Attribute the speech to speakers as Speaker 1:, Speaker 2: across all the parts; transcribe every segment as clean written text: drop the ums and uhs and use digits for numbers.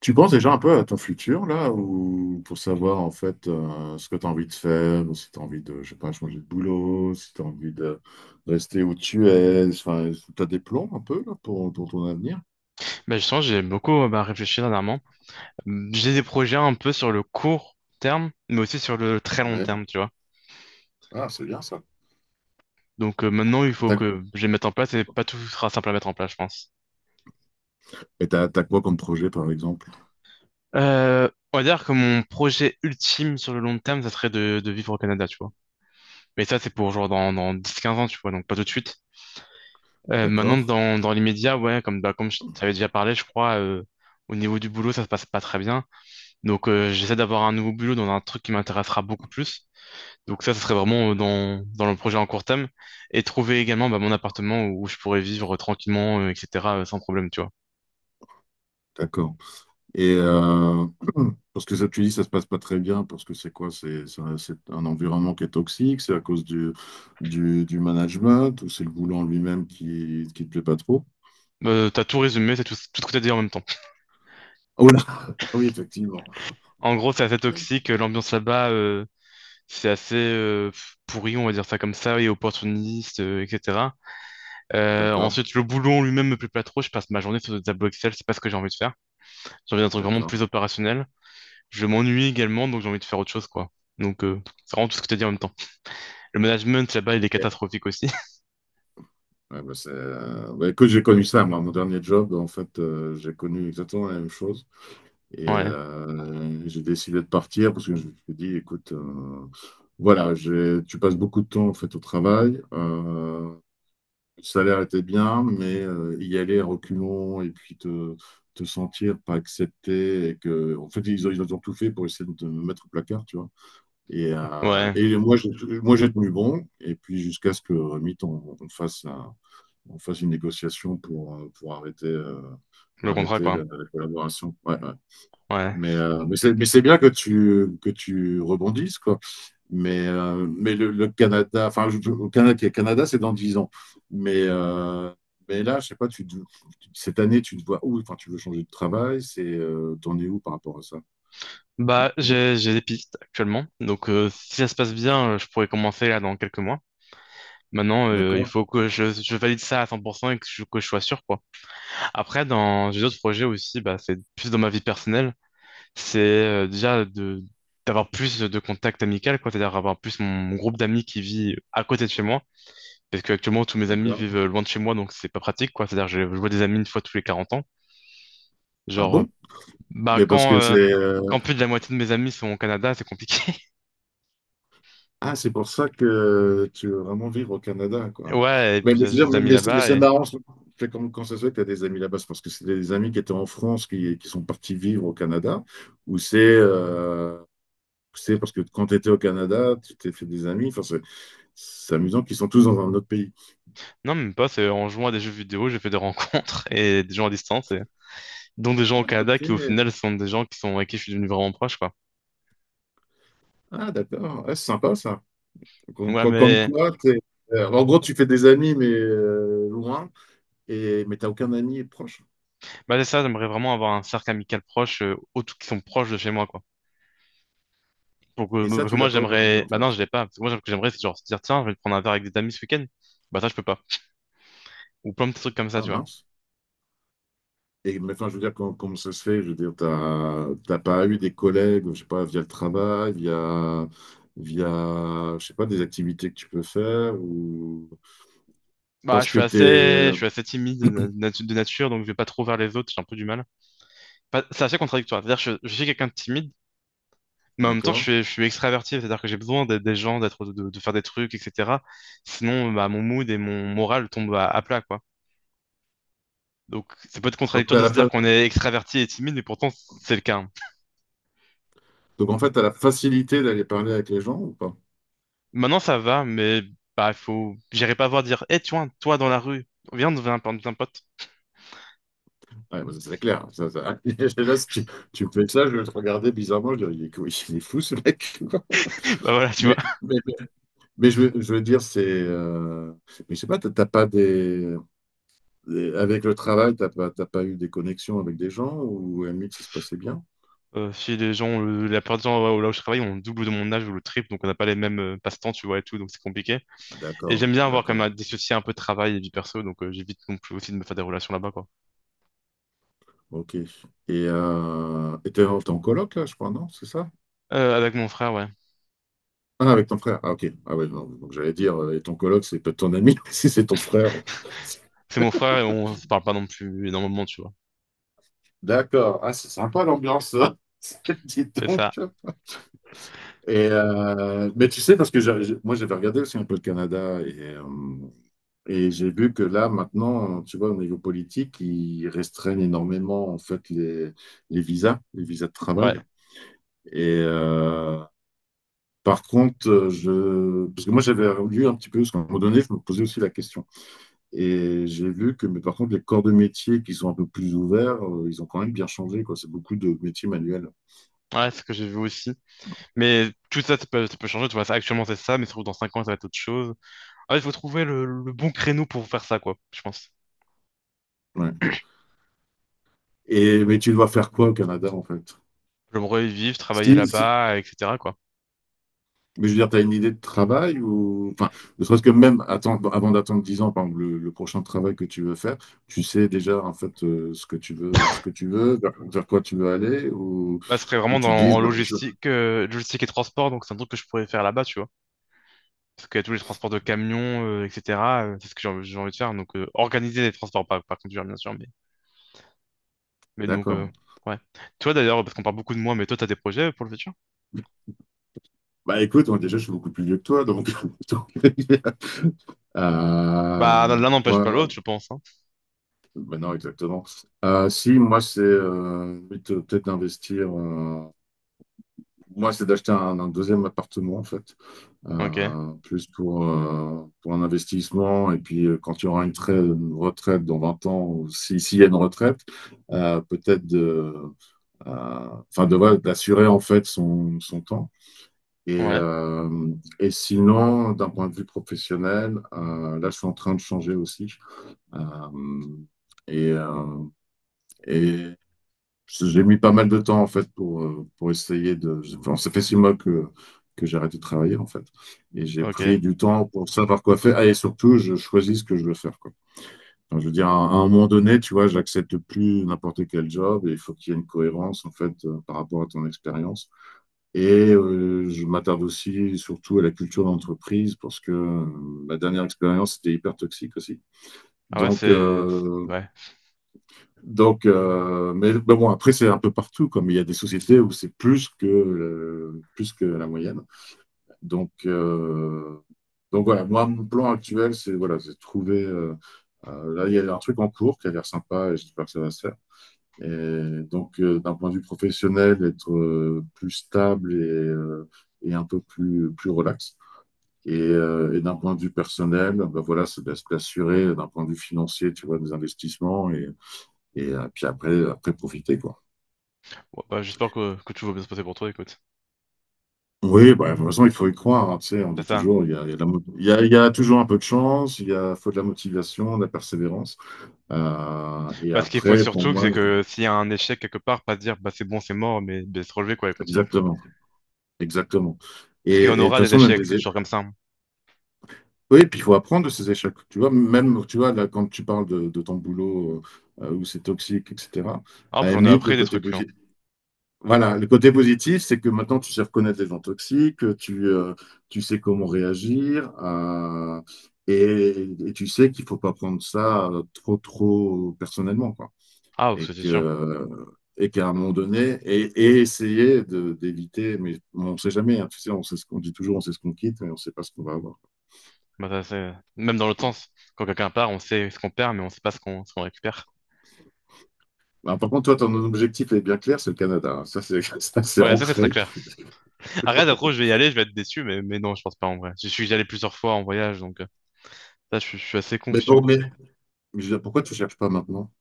Speaker 1: Tu penses déjà un peu à ton futur, là, ou pour savoir en fait ce que tu as envie de faire, ou si tu as envie de, je sais pas, changer de boulot, si tu as envie de rester où tu es, enfin, tu as des plans un peu là, pour ton avenir?
Speaker 2: Bah justement, j'ai beaucoup bah, réfléchi dernièrement. J'ai des projets un peu sur le court terme, mais aussi sur le très long
Speaker 1: Ouais.
Speaker 2: terme, tu vois.
Speaker 1: Ah, c'est bien ça.
Speaker 2: Donc maintenant, il faut
Speaker 1: T'as-
Speaker 2: que je les mette en place et pas tout sera simple à mettre en place, je pense.
Speaker 1: et t'as quoi comme projet, par exemple?
Speaker 2: On va dire que mon projet ultime sur le long terme, ça serait de vivre au Canada, tu vois. Mais ça, c'est pour genre dans 10 15 ans, tu vois, donc pas tout de suite. Maintenant,
Speaker 1: D'accord?
Speaker 2: dans l'immédiat, ouais, comme je t'avais déjà parlé, je crois, au niveau du boulot, ça se passe pas très bien. Donc j'essaie d'avoir un nouveau boulot dans un truc qui m'intéressera beaucoup plus. Donc ça serait vraiment dans le projet en court terme. Et trouver également bah, mon appartement où je pourrais vivre tranquillement, etc., sans problème, tu vois.
Speaker 1: D'accord. Et parce que ça, tu dis, ça se passe pas très bien, parce que c'est quoi? C'est un environnement qui est toxique, c'est à cause du management, ou c'est le boulot en lui-même qui te plaît pas trop?
Speaker 2: T'as tout résumé, c'est tout ce que t'as dit en même temps.
Speaker 1: Oui, effectivement.
Speaker 2: En gros, c'est assez toxique, l'ambiance là-bas, c'est assez pourri, on va dire ça comme ça, et opportuniste, etc.
Speaker 1: D'accord,
Speaker 2: Ensuite, le boulot en lui-même me plaît pas trop, je passe ma journée sur des tableaux Excel, c'est pas ce que j'ai envie de faire. J'ai envie d'un truc vraiment
Speaker 1: d'accord.
Speaker 2: plus opérationnel. Je m'ennuie également, donc j'ai envie de faire autre chose, quoi. Donc, c'est vraiment tout ce que t'as dit en même temps. Le management là-bas, il est
Speaker 1: Ok.
Speaker 2: catastrophique aussi.
Speaker 1: Ouais, bah, c'est, bah, écoute, j'ai connu ça, moi, mon dernier job, en fait, j'ai connu exactement la même chose. Et
Speaker 2: Ouais.
Speaker 1: j'ai décidé de partir parce que je me suis dit, écoute, voilà, tu passes beaucoup de temps, en fait, au travail. Le salaire était bien, mais y aller à reculons et puis te sentir pas accepté et que, en fait, ils ont tout fait pour essayer de te mettre au placard, tu vois. Et, euh,
Speaker 2: Ouais,
Speaker 1: et moi, j'ai tenu bon. Et puis, jusqu'à ce que Remit, on fasse une négociation pour arrêter, euh,
Speaker 2: le contrat
Speaker 1: arrêter
Speaker 2: quoi.
Speaker 1: la collaboration. Ouais, ouais.
Speaker 2: Ouais.
Speaker 1: Mais c'est bien que que tu rebondisses, quoi. Mais le Canada, enfin, au Canada, c'est dans 10 ans. Mais, euh, mais là, je sais pas, cette année, tu te vois où? Enfin, tu veux changer de travail, t'en es où par rapport à ça?
Speaker 2: Bah j'ai des pistes actuellement. Donc si ça se passe bien, je pourrais commencer là dans quelques mois. Maintenant, il
Speaker 1: D'accord,
Speaker 2: faut que je valide ça à 100% et que je sois sûr quoi. Après, dans j'ai d'autres projets aussi, bah c'est plus dans ma vie personnelle. C'est déjà de d'avoir plus de contacts amicaux quoi, c'est-à-dire avoir plus mon groupe d'amis qui vit à côté de chez moi. Parce que actuellement tous mes amis vivent
Speaker 1: d'accord.
Speaker 2: loin de chez moi, donc c'est pas pratique quoi. C'est-à-dire je vois des amis une fois tous les 40 ans.
Speaker 1: Ah
Speaker 2: Genre euh,
Speaker 1: bon?
Speaker 2: Bah
Speaker 1: Mais parce
Speaker 2: quand,
Speaker 1: que c'est,
Speaker 2: euh,
Speaker 1: euh,
Speaker 2: quand plus de la moitié de mes amis sont au Canada, c'est compliqué.
Speaker 1: Ah, c'est pour ça que tu veux vraiment vivre au Canada, quoi.
Speaker 2: Ouais, et puis
Speaker 1: Mais,
Speaker 2: j'ai
Speaker 1: je
Speaker 2: des amis
Speaker 1: mais
Speaker 2: là-bas
Speaker 1: c'est
Speaker 2: et
Speaker 1: marrant, c'est comme quand ça se fait que tu as des amis là-bas, c'est parce que c'est des amis qui étaient en France qui sont partis vivre au Canada, ou c'est parce que quand tu étais au Canada, tu t'es fait des amis, enfin, c'est amusant qu'ils sont tous dans un autre pays.
Speaker 2: non, même pas, c'est en jouant à des jeux vidéo, j'ai fait des rencontres et des gens à distance et dont des gens au
Speaker 1: Ah, ok,
Speaker 2: Canada qui au final sont des gens qui sont avec qui je suis devenu vraiment proche quoi.
Speaker 1: ah, d'accord, ah, c'est sympa ça. Comme,
Speaker 2: Ouais,
Speaker 1: comme- comme
Speaker 2: mais
Speaker 1: quoi, en gros, tu fais des amis, mais loin, mais t'as aucun ami proche.
Speaker 2: bah c'est ça, j'aimerais vraiment avoir un cercle amical proche autres qui sont proches de chez moi quoi. Donc
Speaker 1: Et ça,
Speaker 2: parce que
Speaker 1: tu
Speaker 2: moi
Speaker 1: l'as pas aujourd'hui,
Speaker 2: j'aimerais
Speaker 1: en
Speaker 2: bah
Speaker 1: fait.
Speaker 2: non, je l'ai pas parce que moi ce que j'aimerais c'est genre se dire tiens, je vais prendre un verre avec des amis ce week-end. Bah ça je peux pas. Ou plein de petits trucs comme ça,
Speaker 1: Ah,
Speaker 2: tu vois.
Speaker 1: mince. Et mais enfin je veux dire, comment, ça se fait? Je veux dire, t'as pas eu des collègues, je sais pas, via le travail, via, je sais pas, des activités que tu peux faire ou
Speaker 2: Bah
Speaker 1: parce
Speaker 2: je
Speaker 1: que
Speaker 2: suis assez
Speaker 1: t'es,
Speaker 2: je suis assez timide de nature donc je vais pas trop vers les autres, j'ai un peu du mal. Bah, c'est assez contradictoire. C'est-à-dire que je suis quelqu'un de timide, mais en même temps, je
Speaker 1: d'accord?
Speaker 2: suis, je suis extraverti. C'est-à-dire que j'ai besoin d'être des gens, d'être, de faire des trucs, etc. Sinon, bah, mon mood et mon moral tombent à plat, quoi. Donc, ça peut être
Speaker 1: Donc,
Speaker 2: contradictoire
Speaker 1: t'as
Speaker 2: de
Speaker 1: la
Speaker 2: se dire
Speaker 1: fa-
Speaker 2: qu'on est extraverti et timide, mais pourtant, c'est le cas, hein.
Speaker 1: Donc, en fait, t'as la facilité d'aller parler avec les gens ou pas?
Speaker 2: Maintenant, ça va, mais bah, faut... j'irai pas voir dire, eh, tu vois, toi, dans la rue, viens, on devient un pote.
Speaker 1: Ouais, bah, ça, c'est clair. Là, si tu me fais ça, je vais te regarder bizarrement, je dirais, il est fou ce mec, quoi.
Speaker 2: Bah voilà, tu
Speaker 1: Mais,
Speaker 2: vois.
Speaker 1: mais, mais je veux dire, mais je sais pas, t'as pas des. Et avec le travail, t'as pas eu des connexions avec des gens ou à la limite, ça se passait bien?
Speaker 2: Si les gens, la plupart des gens ouais, là où je travaille, ont le double de mon âge ou le triple, donc on n'a pas les mêmes passe-temps, tu vois, et tout, donc c'est compliqué. Et
Speaker 1: D'accord,
Speaker 2: j'aime bien avoir quand même
Speaker 1: d'accord.
Speaker 2: à dissocier un peu travail et vie perso, donc j'évite non plus aussi de me faire des relations là-bas, quoi.
Speaker 1: Ok. Et t'es en coloc là, je crois, non? C'est ça?
Speaker 2: Avec mon frère, ouais.
Speaker 1: Ah, avec ton frère. Ah, ok. Ah ouais, non. Donc j'allais dire, et ton coloc, c'est peut-être ton ami, si c'est ton frère.
Speaker 2: C'est mon frère et on se parle pas non plus énormément, tu vois.
Speaker 1: D'accord. Ah, c'est sympa l'ambiance, ça. Dis
Speaker 2: C'est
Speaker 1: donc.
Speaker 2: ça,
Speaker 1: Et mais tu sais, parce que moi, j'avais regardé aussi un peu le Canada. Et j'ai vu que là, maintenant, tu vois, au niveau politique, ils restreignent énormément, en fait, les visas de
Speaker 2: ouais.
Speaker 1: travail. Et par contre, parce que moi, j'avais lu un petit peu, parce qu'à un moment donné, je me posais aussi la question. Et j'ai vu que, mais par contre, les corps de métier qui sont un peu plus ouverts, ils ont quand même bien changé, quoi. C'est beaucoup de métiers manuels.
Speaker 2: Ouais, c'est ce que j'ai vu aussi. Mais tout ça, ça peut changer, tu vois. Actuellement, c'est ça, mais surtout dans 5 ans, ça va être autre chose. Ah, il faut trouver le bon créneau pour faire ça, quoi, je pense.
Speaker 1: Ouais. Mais tu dois faire quoi au Canada, en fait?
Speaker 2: J'aimerais vivre, travailler
Speaker 1: Si, si
Speaker 2: là-bas, etc., quoi.
Speaker 1: Mais je veux dire, tu as une idée de travail ou. Enfin, ne serait-ce que même attendre, avant d'attendre 10 ans, par exemple, le prochain travail que tu veux faire, tu sais déjà en fait ce que tu veux, vers quoi tu veux aller,
Speaker 2: Bah, ce serait
Speaker 1: ou
Speaker 2: vraiment
Speaker 1: tu dis,
Speaker 2: en logistique, logistique et transport, donc c'est un truc que je pourrais faire là-bas, tu vois. Parce que tous les transports de camions, etc., c'est ce que j'ai envie de faire. Donc, organiser les transports, pas conduire, bien sûr. Mais donc,
Speaker 1: d'accord.
Speaker 2: ouais. Toi, d'ailleurs, parce qu'on parle beaucoup de moi, mais toi, t'as des projets pour le futur?
Speaker 1: Bah écoute, moi, déjà, je suis beaucoup plus vieux que toi, donc. donc, euh,
Speaker 2: Bah, l'un n'empêche pas
Speaker 1: moi,
Speaker 2: l'autre, je pense. hein.
Speaker 1: bah non, exactement. Si, moi, c'est peut-être d'investir. Moi, c'est d'acheter un deuxième appartement, en fait,
Speaker 2: Ok.
Speaker 1: Plus pour un investissement. Et puis, quand il y aura une, une retraite dans 20 ans, ou si, s'il y a une retraite, Peut-être de, voilà, d'assurer, en fait, son temps. Et,
Speaker 2: Ouais.
Speaker 1: euh, et sinon, d'un point de vue professionnel, là, je suis en train de changer aussi. Euh, et, euh, et j'ai mis pas mal de temps en fait pour essayer de. Enfin, ça fait 6 mois que j'ai arrêté de travailler en fait. Et j'ai
Speaker 2: Ok.
Speaker 1: pris du temps pour savoir quoi faire. Ah, et surtout, je choisis ce que je veux faire, quoi. Enfin, je veux dire, à un moment donné, tu vois, j'accepte plus n'importe quel job et il faut qu'il y ait une cohérence en fait par rapport à ton expérience. Et je m'attarde aussi surtout à la culture d'entreprise parce que ma dernière expérience était hyper toxique aussi.
Speaker 2: Ah ouais,
Speaker 1: Donc,
Speaker 2: c'est...
Speaker 1: euh,
Speaker 2: Ouais. Ouais,
Speaker 1: donc, mais bon, après, c'est un peu partout, comme il y a des sociétés où c'est plus plus que la moyenne. Donc, euh, donc voilà, moi, mon plan actuel, c'est voilà, c'est de trouver. Là, il y a un truc en cours qui a l'air sympa et j'espère que ça va se faire. Et donc, d'un point de vue professionnel, être plus stable et un peu plus relax. Et d'un point de vue personnel, ben voilà, c'est d'assurer d'un point de vue financier, tu vois, des investissements et puis après profiter, quoi.
Speaker 2: bon, bah, j'espère que tout va bien se passer pour toi, écoute.
Speaker 1: Oui, bah, de toute façon, il faut y croire. Hein, tu sais, on
Speaker 2: C'est
Speaker 1: dit
Speaker 2: ça.
Speaker 1: toujours, il y a de la mo- il y a toujours un peu de chance, faut de la motivation, de la persévérance. Et
Speaker 2: Bah, ce qu'il faut
Speaker 1: après, pour
Speaker 2: surtout,
Speaker 1: moi,
Speaker 2: c'est
Speaker 1: je-
Speaker 2: que s'il y a un échec quelque part, pas se dire, bah, c'est bon, c'est mort, mais de se relever, quoi, et continuer.
Speaker 1: Exactement, exactement. Et,
Speaker 2: Parce qu'il y
Speaker 1: et
Speaker 2: en
Speaker 1: de toute
Speaker 2: aura des
Speaker 1: façon, même
Speaker 2: échecs,
Speaker 1: des
Speaker 2: c'est
Speaker 1: é-
Speaker 2: toujours comme ça. hein.
Speaker 1: Oui, puis il faut apprendre de ces échecs. Tu vois, même, tu vois, là, quand tu parles de ton boulot où c'est toxique, etc.,
Speaker 2: Ah,
Speaker 1: à la
Speaker 2: j'en ai
Speaker 1: limite,
Speaker 2: appris des trucs, hein.
Speaker 1: Voilà, le côté positif, c'est que maintenant tu sais reconnaître les gens toxiques, tu sais comment réagir, et tu sais qu'il faut pas prendre ça trop, trop personnellement, quoi.
Speaker 2: Ah,
Speaker 1: Et
Speaker 2: c'est sûr.
Speaker 1: que, et qu'à un moment donné, et essayer d'éviter, mais on ne sait jamais, hein, tu sais, on sait ce qu'on dit toujours, on sait ce qu'on quitte, mais on ne sait pas ce qu'on va avoir.
Speaker 2: Bah, même dans l'autre sens, quand quelqu'un part, on sait ce qu'on perd, mais on sait pas ce qu'on récupère.
Speaker 1: Bah, par contre, toi, ton objectif est bien clair, c'est le Canada. Hein. Ça, c'est, ça, c'est
Speaker 2: Ouais, ça c'est très
Speaker 1: ancré.
Speaker 2: clair. Arrête, après, je vais y aller, je vais être déçu, mais non, je pense pas en vrai. Je suis allé plusieurs fois en voyage, donc ça, je suis assez
Speaker 1: Mais bon,
Speaker 2: confiant.
Speaker 1: mais je veux dire, pourquoi tu cherches pas maintenant?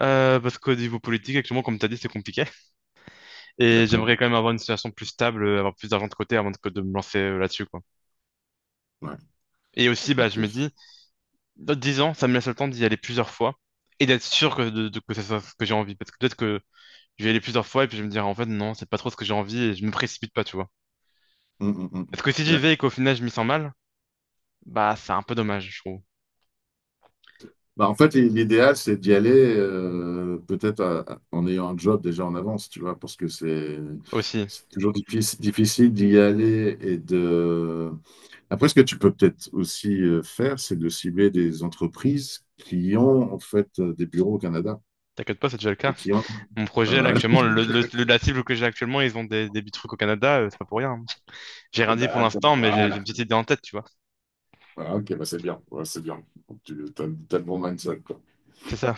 Speaker 2: Parce qu'au niveau politique, actuellement, comme t'as dit, c'est compliqué.
Speaker 1: T'es
Speaker 2: Et
Speaker 1: d'accord?
Speaker 2: j'aimerais quand même avoir une situation plus stable, avoir plus d'argent de côté que de me lancer là-dessus, quoi.
Speaker 1: Ouais,
Speaker 2: Et aussi, bah,
Speaker 1: ok.
Speaker 2: je me dis, dans 10 ans, ça me laisse le temps d'y aller plusieurs fois et d'être sûr que ça soit ce que j'ai envie. Parce que peut-être que je vais y aller plusieurs fois et puis je vais me dire, en fait, non, c'est pas trop ce que j'ai envie et je me précipite pas, tu vois.
Speaker 1: Hum, hum, hum.
Speaker 2: Parce que si j'y
Speaker 1: Ouais.
Speaker 2: vais et qu'au final je m'y sens mal, bah c'est un peu dommage, je trouve.
Speaker 1: Bah, en fait, l'idéal, c'est d'y aller peut-être en ayant un job déjà en avance, tu vois, parce que c'est
Speaker 2: Aussi,
Speaker 1: c'est toujours difficile d'y aller et de... Après, ce que tu peux peut-être aussi faire, c'est de cibler des entreprises qui ont en fait des bureaux au Canada
Speaker 2: t'inquiète pas, c'est déjà le cas.
Speaker 1: et qui ont...
Speaker 2: Mon projet là
Speaker 1: Voilà.
Speaker 2: actuellement, la cible que j'ai actuellement, ils ont des petits trucs au Canada, c'est pas pour rien, hein. J'ai rien dit pour
Speaker 1: D'accord,
Speaker 2: l'instant, mais j'ai une
Speaker 1: voilà.
Speaker 2: petite idée en tête, tu vois.
Speaker 1: Voilà, ok, bah c'est bien, ouais, c'est bien. Tu as, le bon mindset, quoi.
Speaker 2: C'est ça.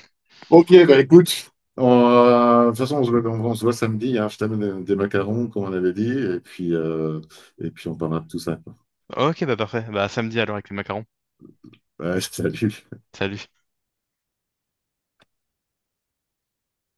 Speaker 1: Ok, bah écoute, de toute façon, on se voit, on se voit samedi, hein. Je t'amène des macarons, comme on avait dit, et puis on parlera de tout ça, quoi.
Speaker 2: Ok, bah parfait. Bah à samedi alors avec les macarons.
Speaker 1: Ouais, salut.
Speaker 2: Salut.